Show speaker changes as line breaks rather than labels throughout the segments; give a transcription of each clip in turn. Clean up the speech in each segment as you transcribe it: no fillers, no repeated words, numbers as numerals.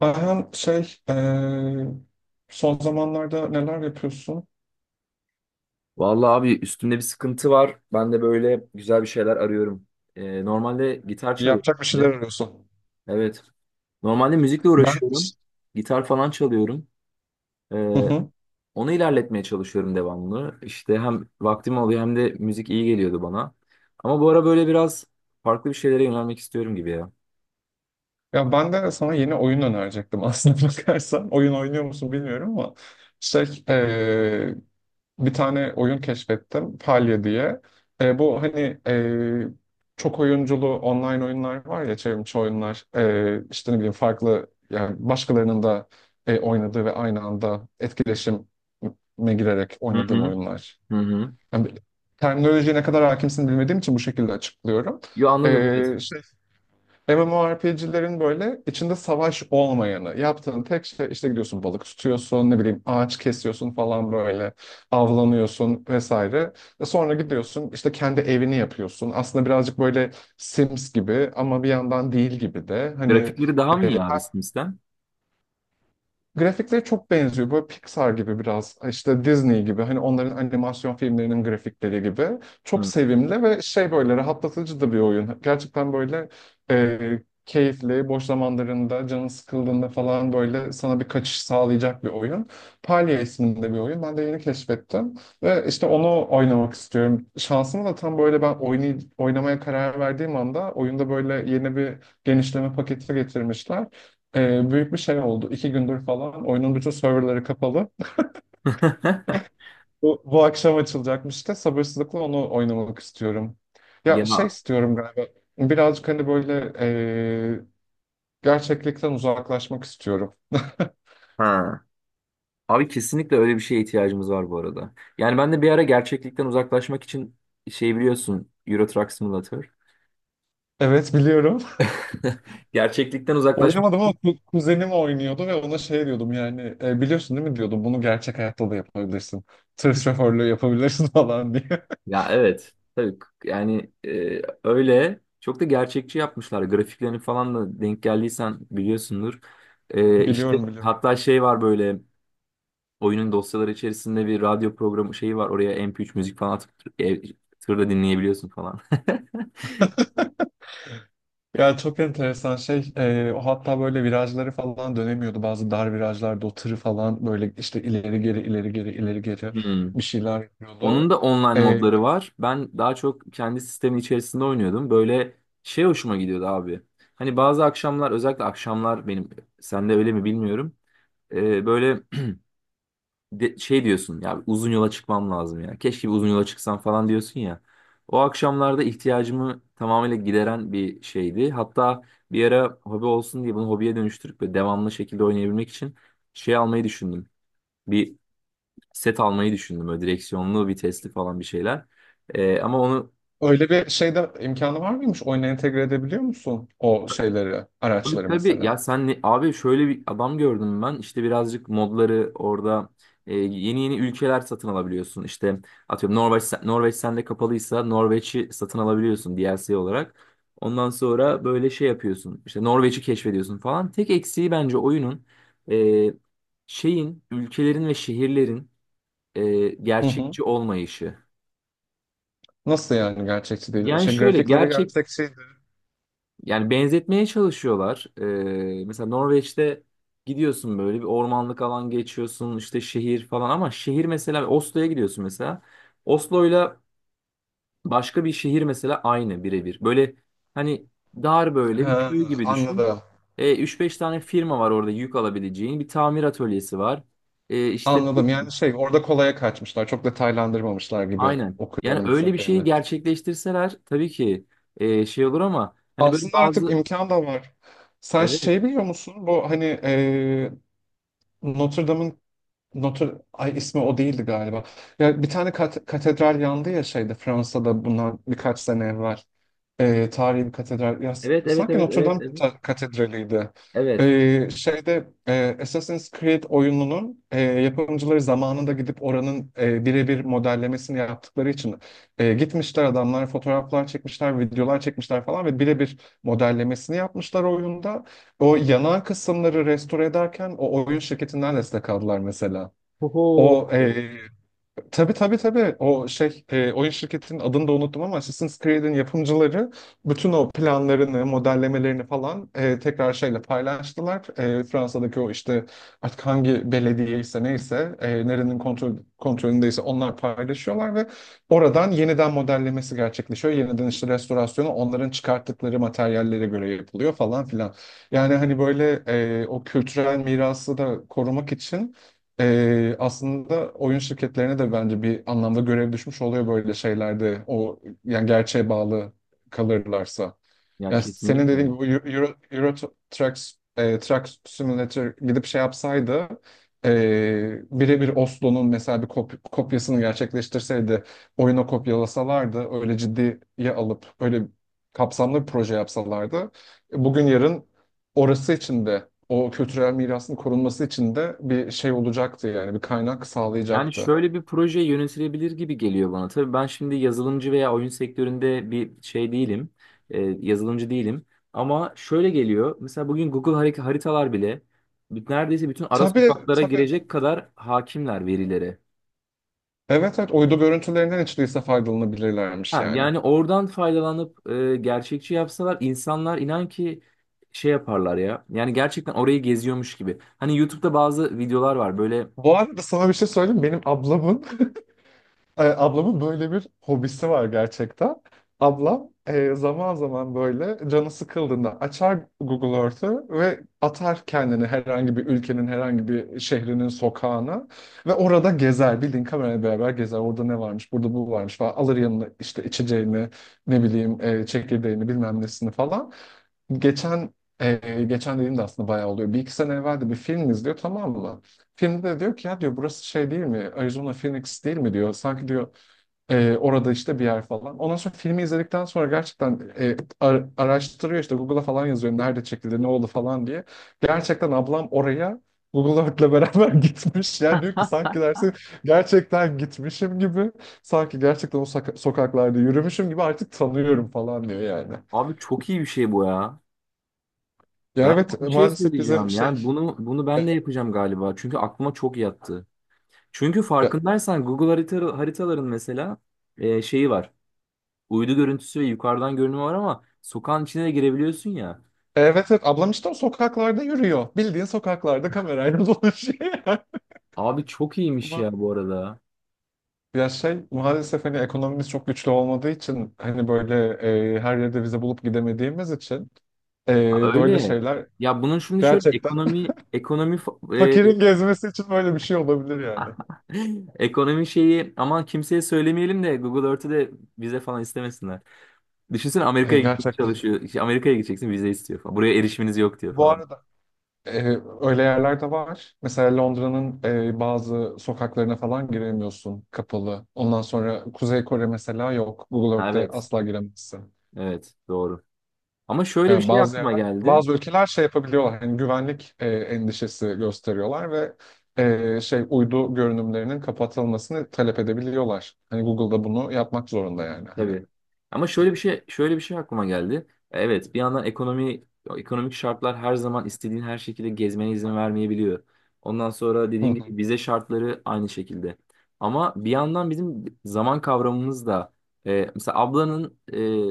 Ayhan, son zamanlarda neler yapıyorsun?
Vallahi abi üstümde bir sıkıntı var. Ben de böyle güzel bir şeyler arıyorum. Normalde gitar
Yapacak bir şeyler
çalıyorum.
arıyorsun.
Evet. Normalde müzikle
Ben
uğraşıyorum. Gitar falan çalıyorum.
Hı
Ee,
hı.
Onu ilerletmeye çalışıyorum devamlı. İşte hem vaktim oluyor hem de müzik iyi geliyordu bana. Ama bu ara böyle biraz farklı bir şeylere yönelmek istiyorum gibi ya.
Ya ben de sana yeni oyun önerecektim aslında bakarsan. Oyun oynuyor musun bilmiyorum ama şey eee, bir tane oyun keşfettim, Palya diye. Bu hani çok oyunculu online oyunlar var ya, çevrimiçi oyunlar. İşte ne bileyim, farklı yani, başkalarının da oynadığı ve aynı anda etkileşime girerek
Hı
oynadığım
hı.
oyunlar.
Hı hı.
Yani terminolojiye ne kadar hakimsin bilmediğim için bu şekilde açıklıyorum.
Yo, anladım, evet.
Ee, şey, MMORPG'lerin böyle içinde savaş olmayanı. Yaptığın tek şey işte gidiyorsun, balık tutuyorsun, ne bileyim ağaç kesiyorsun falan böyle, avlanıyorsun vesaire. Sonra gidiyorsun işte kendi evini yapıyorsun. Aslında birazcık böyle Sims gibi ama bir yandan değil gibi de. Hani,
Grafikleri daha mı
e,
iyi abi Sims'ten?
grafikleri çok benziyor. Böyle Pixar gibi biraz, işte Disney gibi, hani onların animasyon filmlerinin grafikleri gibi. Çok
Hı.
sevimli ve şey, böyle rahatlatıcı da bir oyun. Gerçekten böyle keyifli, boş zamanlarında, canın sıkıldığında falan böyle sana bir kaçış sağlayacak bir oyun. Palya isminde bir oyun. Ben de yeni keşfettim. Ve işte onu oynamak istiyorum. Şansıma da tam böyle ben oynamaya karar verdiğim anda oyunda böyle yeni bir genişleme paketi getirmişler. Büyük bir şey oldu. İki gündür falan oyunun bütün serverları kapalı. Bu akşam açılacakmış da sabırsızlıkla onu oynamak istiyorum. Ya şey
Ya.
istiyorum galiba. Birazcık hani böyle, ee, gerçeklikten uzaklaşmak istiyorum.
Ha. Abi kesinlikle öyle bir şeye ihtiyacımız var bu arada. Yani ben de bir ara gerçeklikten uzaklaşmak için şey, biliyorsun, Euro Truck Simulator.
Evet, biliyorum.
Gerçeklikten uzaklaşmak.
Oynamadım ama kuzenim oynuyordu ve ona şey diyordum yani, "E, biliyorsun değil mi, diyordum, bunu gerçek hayatta da yapabilirsin. Tır şoförlüğü yapabilirsin" falan diye.
Ya evet. Yani öyle çok da gerçekçi yapmışlar. Grafiklerini falan da denk geldiysen biliyorsundur. İşte
Biliyorum, biliyorum.
hatta şey var böyle, oyunun dosyaları içerisinde bir radyo programı şeyi var. Oraya MP3 müzik falan atıp e, tırda dinleyebiliyorsun falan.
Ya çok enteresan şey. O hatta böyle virajları falan dönemiyordu. Bazı dar virajlarda o tırı falan böyle işte ileri geri, ileri geri, ileri geri
Hmm.
bir şeyler
Onun
yapıyordu.
da online
E,
modları var. Ben daha çok kendi sistemin içerisinde oynuyordum. Böyle şey hoşuma gidiyordu abi. Hani bazı akşamlar, özellikle akşamlar benim, sende öyle mi bilmiyorum. Böyle şey diyorsun ya, uzun yola çıkmam lazım ya. Keşke bir uzun yola çıksam falan diyorsun ya. O akşamlarda ihtiyacımı tamamıyla gideren bir şeydi. Hatta bir ara hobi olsun diye bunu hobiye dönüştürüp ve devamlı şekilde oynayabilmek için şey almayı düşündüm. Bir set almayı düşündüm. Böyle direksiyonlu, vitesli falan bir şeyler. Ama onu,
Öyle bir şeyde imkanı var mıymış? Oyuna entegre edebiliyor musun o şeyleri,
tabii
araçları
tabii
mesela?
ya, sen abi, şöyle bir adam gördüm ben. İşte birazcık modları orada yeni yeni ülkeler satın alabiliyorsun. İşte atıyorum, Norveç, Norveç sende kapalıysa Norveç'i satın alabiliyorsun DLC olarak. Ondan sonra böyle şey yapıyorsun. İşte Norveç'i keşfediyorsun falan. Tek eksiği bence oyunun e, şeyin, ülkelerin ve şehirlerin
Hı hı.
gerçekçi olmayışı.
Nasıl yani, gerçekçi değil?
Yani
Şey,
şöyle
grafikleri
gerçek
gerçekçiydi.
Yani benzetmeye çalışıyorlar. Mesela Norveç'te gidiyorsun, böyle bir ormanlık alan geçiyorsun, işte şehir falan, ama şehir, mesela Oslo'ya gidiyorsun mesela. Oslo'yla başka bir şehir mesela aynı, birebir. Böyle hani dar böyle bir
Ha,
köy gibi düşün.
anladım.
3-5 tane firma var orada yük alabileceğin. Bir tamir atölyesi var. İşte
Anladım. Yani şey, orada kolaya kaçmışlar. Çok detaylandırmamışlar gibi
aynen. Yani
okuyorum bu
öyle bir şeyi
söylediğini.
gerçekleştirseler tabii ki şey olur, ama hani böyle
Aslında artık
bazı,
imkan da var. Sen
evet,
şey biliyor musun? Bu hani, Notre Dame'ın... Notre, ay, ismi o değildi galiba. Ya bir tane katedral yandı ya, şeyde, Fransa'da, bundan birkaç sene evvel, tarihi bir katedral. Ya,
evet, evet,
sanki
evet,
Notre
evet,
Dame
evet.
katedraliydi.
Evet.
Assassin's Creed oyununun yapımcıları zamanında gidip oranın birebir modellemesini yaptıkları için gitmişler adamlar, fotoğraflar çekmişler, videolar çekmişler falan ve birebir modellemesini yapmışlar oyunda. O yanan kısımları restore ederken o oyun şirketinden destek aldılar mesela.
Oho.
O e, Tabii, tabii, tabii, o şey, oyun şirketinin adını da unuttum, ama Assassin's Creed'in yapımcıları bütün o planlarını, modellemelerini falan tekrar şeyle paylaştılar. Fransa'daki o işte, artık hangi belediye ise neyse, nerenin kontrolündeyse onlar paylaşıyorlar ve oradan yeniden modellemesi gerçekleşiyor. Yeniden işte restorasyonu onların çıkarttıkları materyallere göre yapılıyor falan filan. Yani hani böyle, o kültürel mirası da korumak için, aslında oyun şirketlerine de bence bir anlamda görev düşmüş oluyor böyle şeylerde. O yani, gerçeğe bağlı kalırlarsa.
Ya
Ya senin dediğin
kesinlikle.
gibi bu Euro Truck Truck Simulator gidip şey yapsaydı, birebir Oslo'nun mesela bir kopyasını gerçekleştirseydi, oyuna kopyalasalardı, öyle ciddiye alıp öyle kapsamlı bir proje yapsalardı, bugün yarın orası için de, o kültürel mirasın korunması için de bir şey olacaktı yani, bir kaynak
Yani
sağlayacaktı.
şöyle bir proje yönetilebilir gibi geliyor bana. Tabii ben şimdi yazılımcı veya oyun sektöründe bir şey değilim. Yazılımcı değilim. Ama şöyle geliyor. Mesela bugün Google haritalar bile, neredeyse bütün ara
Tabii,
sokaklara
tabii.
girecek kadar hakimler verilere.
Evet, evet, uydu görüntülerinden hiç değilse faydalanabilirlermiş
Ha,
yani.
yani oradan faydalanıp gerçekçi yapsalar, insanlar inan ki şey yaparlar ya. Yani gerçekten orayı geziyormuş gibi. Hani YouTube'da bazı videolar var böyle.
Bu arada sana bir şey söyleyeyim. Benim ablamın e, ablamın böyle bir hobisi var gerçekten. Ablam, zaman zaman böyle canı sıkıldığında açar Google Earth'ı ve atar kendini herhangi bir ülkenin herhangi bir şehrinin sokağına ve orada gezer. Bildiğin kamerayla beraber gezer. Orada ne varmış, burada bu varmış falan. Alır yanına işte içeceğini, ne bileyim çekirdeğini, bilmem nesini falan. Geçen geçen dediğimde aslında bayağı oluyor. Bir iki sene evvel de bir film izliyor, tamam mı? Filmde de diyor ki, ya, diyor, burası şey değil mi? Arizona Phoenix değil mi, diyor. Sanki, diyor, orada işte bir yer falan". Ondan sonra filmi izledikten sonra gerçekten araştırıyor, işte Google'a falan yazıyor, nerede çekildi, ne oldu falan diye. Gerçekten ablam oraya Google Earth'le beraber gitmiş. Yani diyor ki, sanki dersin gerçekten gitmişim gibi. Sanki gerçekten o sokaklarda yürümüşüm gibi, artık tanıyorum falan diyor yani.
Abi çok iyi bir şey bu ya.
Ya
Galiba
evet,
bir şey
maalesef bizim
söyleyeceğim.
şey...
Yani bunu
e,
ben de yapacağım galiba. Çünkü aklıma çok yattı. Çünkü
e,
farkındaysan Google haritaların mesela şeyi var. Uydu görüntüsü ve yukarıdan görünümü var, ama sokağın içine de girebiliyorsun ya.
Evet, evet, ablam işte o sokaklarda yürüyor. Bildiğin sokaklarda kamerayla dolaşıyor.
Abi çok iyiymiş ya
Ama
bu arada.
ya, şey, maalesef hani ekonomimiz çok güçlü olmadığı için, hani böyle, her yerde vize bulup gidemediğimiz için,
Ha,
böyle
öyle.
şeyler,
Ya bunun şimdi şöyle
gerçekten
e,
fakirin gezmesi için böyle bir şey olabilir yani.
ekonomi şeyi, aman kimseye söylemeyelim de Google Earth'ü de vize falan istemesinler. Düşünsene,
E,
Amerika'ya gitmek
gerçekten.
çalışıyor. İşte Amerika'ya gideceksin, vize istiyor falan. Buraya erişiminiz yok diyor
Bu
falan.
arada e, öyle yerler de var. Mesela Londra'nın bazı sokaklarına falan giremiyorsun, kapalı. Ondan sonra Kuzey Kore mesela, yok. Google Earth'te
Evet,
asla giremezsin.
evet, doğru. Ama şöyle bir
Yani
şey
bazı
aklıma
yerler,
geldi.
bazı ülkeler şey yapabiliyorlar. Hani güvenlik endişesi gösteriyorlar ve, şey, uydu görünümlerinin kapatılmasını talep edebiliyorlar. Hani Google'da bunu yapmak zorunda yani. Hani.
Tabii. Ama şöyle bir şey aklıma geldi. Evet, bir yandan ekonomik şartlar her zaman istediğin her şekilde gezmene izin vermeyebiliyor. Ondan sonra
Hı
dediğin
hı.
gibi vize şartları aynı şekilde. Ama bir yandan bizim zaman kavramımız da, mesela ablanın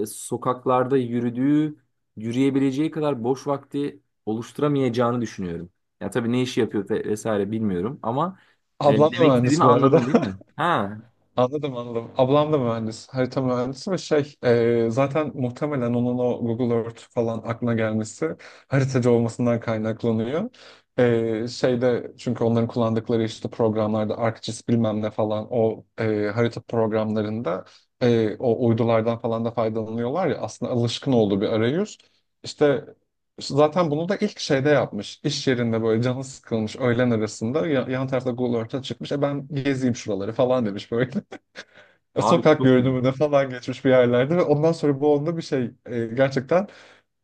sokaklarda yürüdüğü, yürüyebileceği kadar boş vakti oluşturamayacağını düşünüyorum. Ya tabii ne işi yapıyor vesaire bilmiyorum, ama
Ablam da
demek
mühendis
istediğimi
bu arada.
anladın değil mi? Ha,
Anladım, anladım. Ablam da mühendis, harita mühendisi ve şey, zaten muhtemelen onun o Google Earth falan aklına gelmesi haritacı olmasından kaynaklanıyor. Şeyde, çünkü onların kullandıkları işte programlarda, ArcGIS bilmem ne falan, o harita programlarında, o uydulardan falan da faydalanıyorlar ya, aslında alışkın olduğu bir arayüz. İşte zaten bunu da ilk şeyde yapmış. İş yerinde böyle canı sıkılmış, öğlen arasında yan tarafta Google Earth'a çıkmış. E, ben gezeyim şuraları falan demiş böyle. E,
abi
sokak
çok iyi.
görünümüne falan geçmiş bir yerlerde ve ondan sonra bu onda bir şey, gerçekten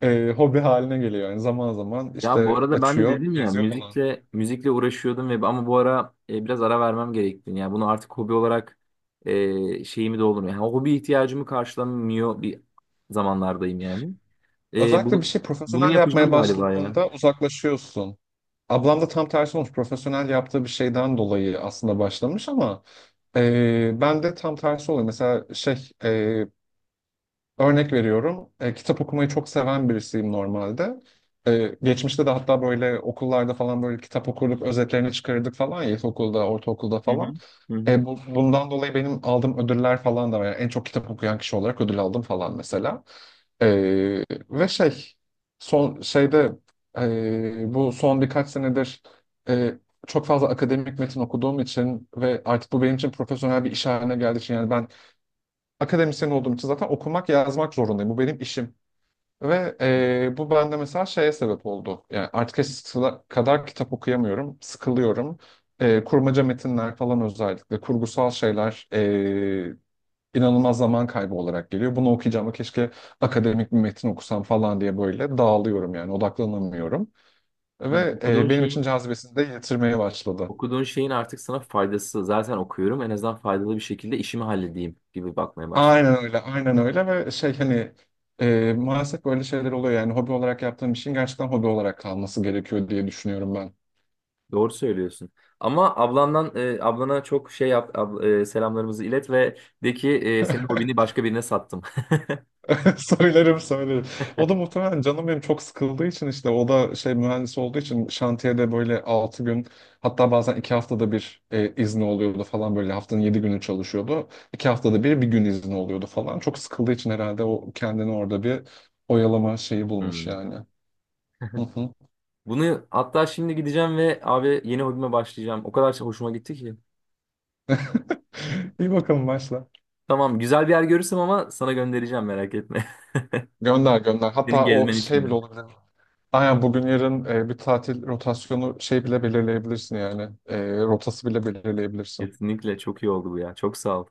hobi haline geliyor. Yani zaman zaman
Ya bu
işte
arada ben de
açıyor,
dedim ya,
geziyor falan.
müzikle uğraşıyordum ama bu ara biraz ara vermem gerektiğini. Yani bunu artık hobi olarak şeyimi doldurmuyor. Yani hobi ihtiyacımı karşılamıyor bir zamanlardayım yani. E,
Özellikle bir
bunu
şey
bunu
profesyonel yapmaya
yapacağım galiba ya.
başladığında uzaklaşıyorsun. Ablam da tam tersi olmuş. Profesyonel yaptığı bir şeyden dolayı aslında başlamış ama ben de tam tersi oluyor. Mesela şey, örnek veriyorum. Kitap okumayı çok seven birisiyim normalde. Geçmişte de hatta böyle okullarda falan böyle kitap okurduk, özetlerini çıkarırdık falan ya, ilkokulda, ortaokulda
Hı hı.
falan.
Hı hı.
Bundan dolayı benim aldığım ödüller falan da var. Yani en çok kitap okuyan kişi olarak ödül aldım falan mesela. E, ve şey, son şeyde, bu son birkaç senedir, e, çok fazla akademik metin okuduğum için ve artık bu benim için profesyonel bir iş haline geldiği için, yani ben akademisyen olduğum için zaten okumak, yazmak zorundayım. Bu benim işim. Ve bu bende mesela şeye sebep oldu. Yani artık eskisi kadar kitap okuyamıyorum, sıkılıyorum. Kurmaca metinler falan özellikle, kurgusal şeyler, inanılmaz zaman kaybı olarak geliyor. Bunu okuyacağıma keşke akademik bir metin okusam falan diye böyle dağılıyorum yani, odaklanamıyorum.
Hı.
Ve
Okuduğun
benim için
şeyin
cazibesini de yitirmeye başladı.
okuduğun şeyin artık sana faydası. Zaten okuyorum. En azından faydalı bir şekilde işimi halledeyim gibi bakmaya başladım.
Aynen öyle, aynen öyle, ve şey hani, maalesef böyle şeyler oluyor yani, hobi olarak yaptığım işin gerçekten hobi olarak kalması gerekiyor diye düşünüyorum ben.
Doğru söylüyorsun. Ama ablana çok şey yap selamlarımızı ilet ve de ki senin hobini başka birine sattım.
Söylerim, söylerim. O da muhtemelen canım benim çok sıkıldığı için, işte o da şey, mühendis olduğu için şantiyede böyle 6 gün, hatta bazen 2 haftada bir izni oluyordu falan, böyle haftanın 7 günü çalışıyordu. 2 haftada bir bir gün izni oluyordu falan. Çok sıkıldığı için herhalde o kendini orada bir oyalama şeyi bulmuş
Hmm.
yani. Hı hı.
Bunu hatta, şimdi gideceğim ve abi yeni hobime başlayacağım. O kadar çok hoşuma gitti ki.
İyi bakalım, başla.
Tamam, güzel bir yer görürsem ama sana göndereceğim, merak etme.
Gönder, gönder.
Senin
Hatta o
gezmen için
şey
de.
bile olabilir. Aynen, bugün yarın bir tatil rotasyonu şey bile belirleyebilirsin yani. Rotası bile belirleyebilirsin.
Kesinlikle çok iyi oldu bu ya. Çok sağ ol.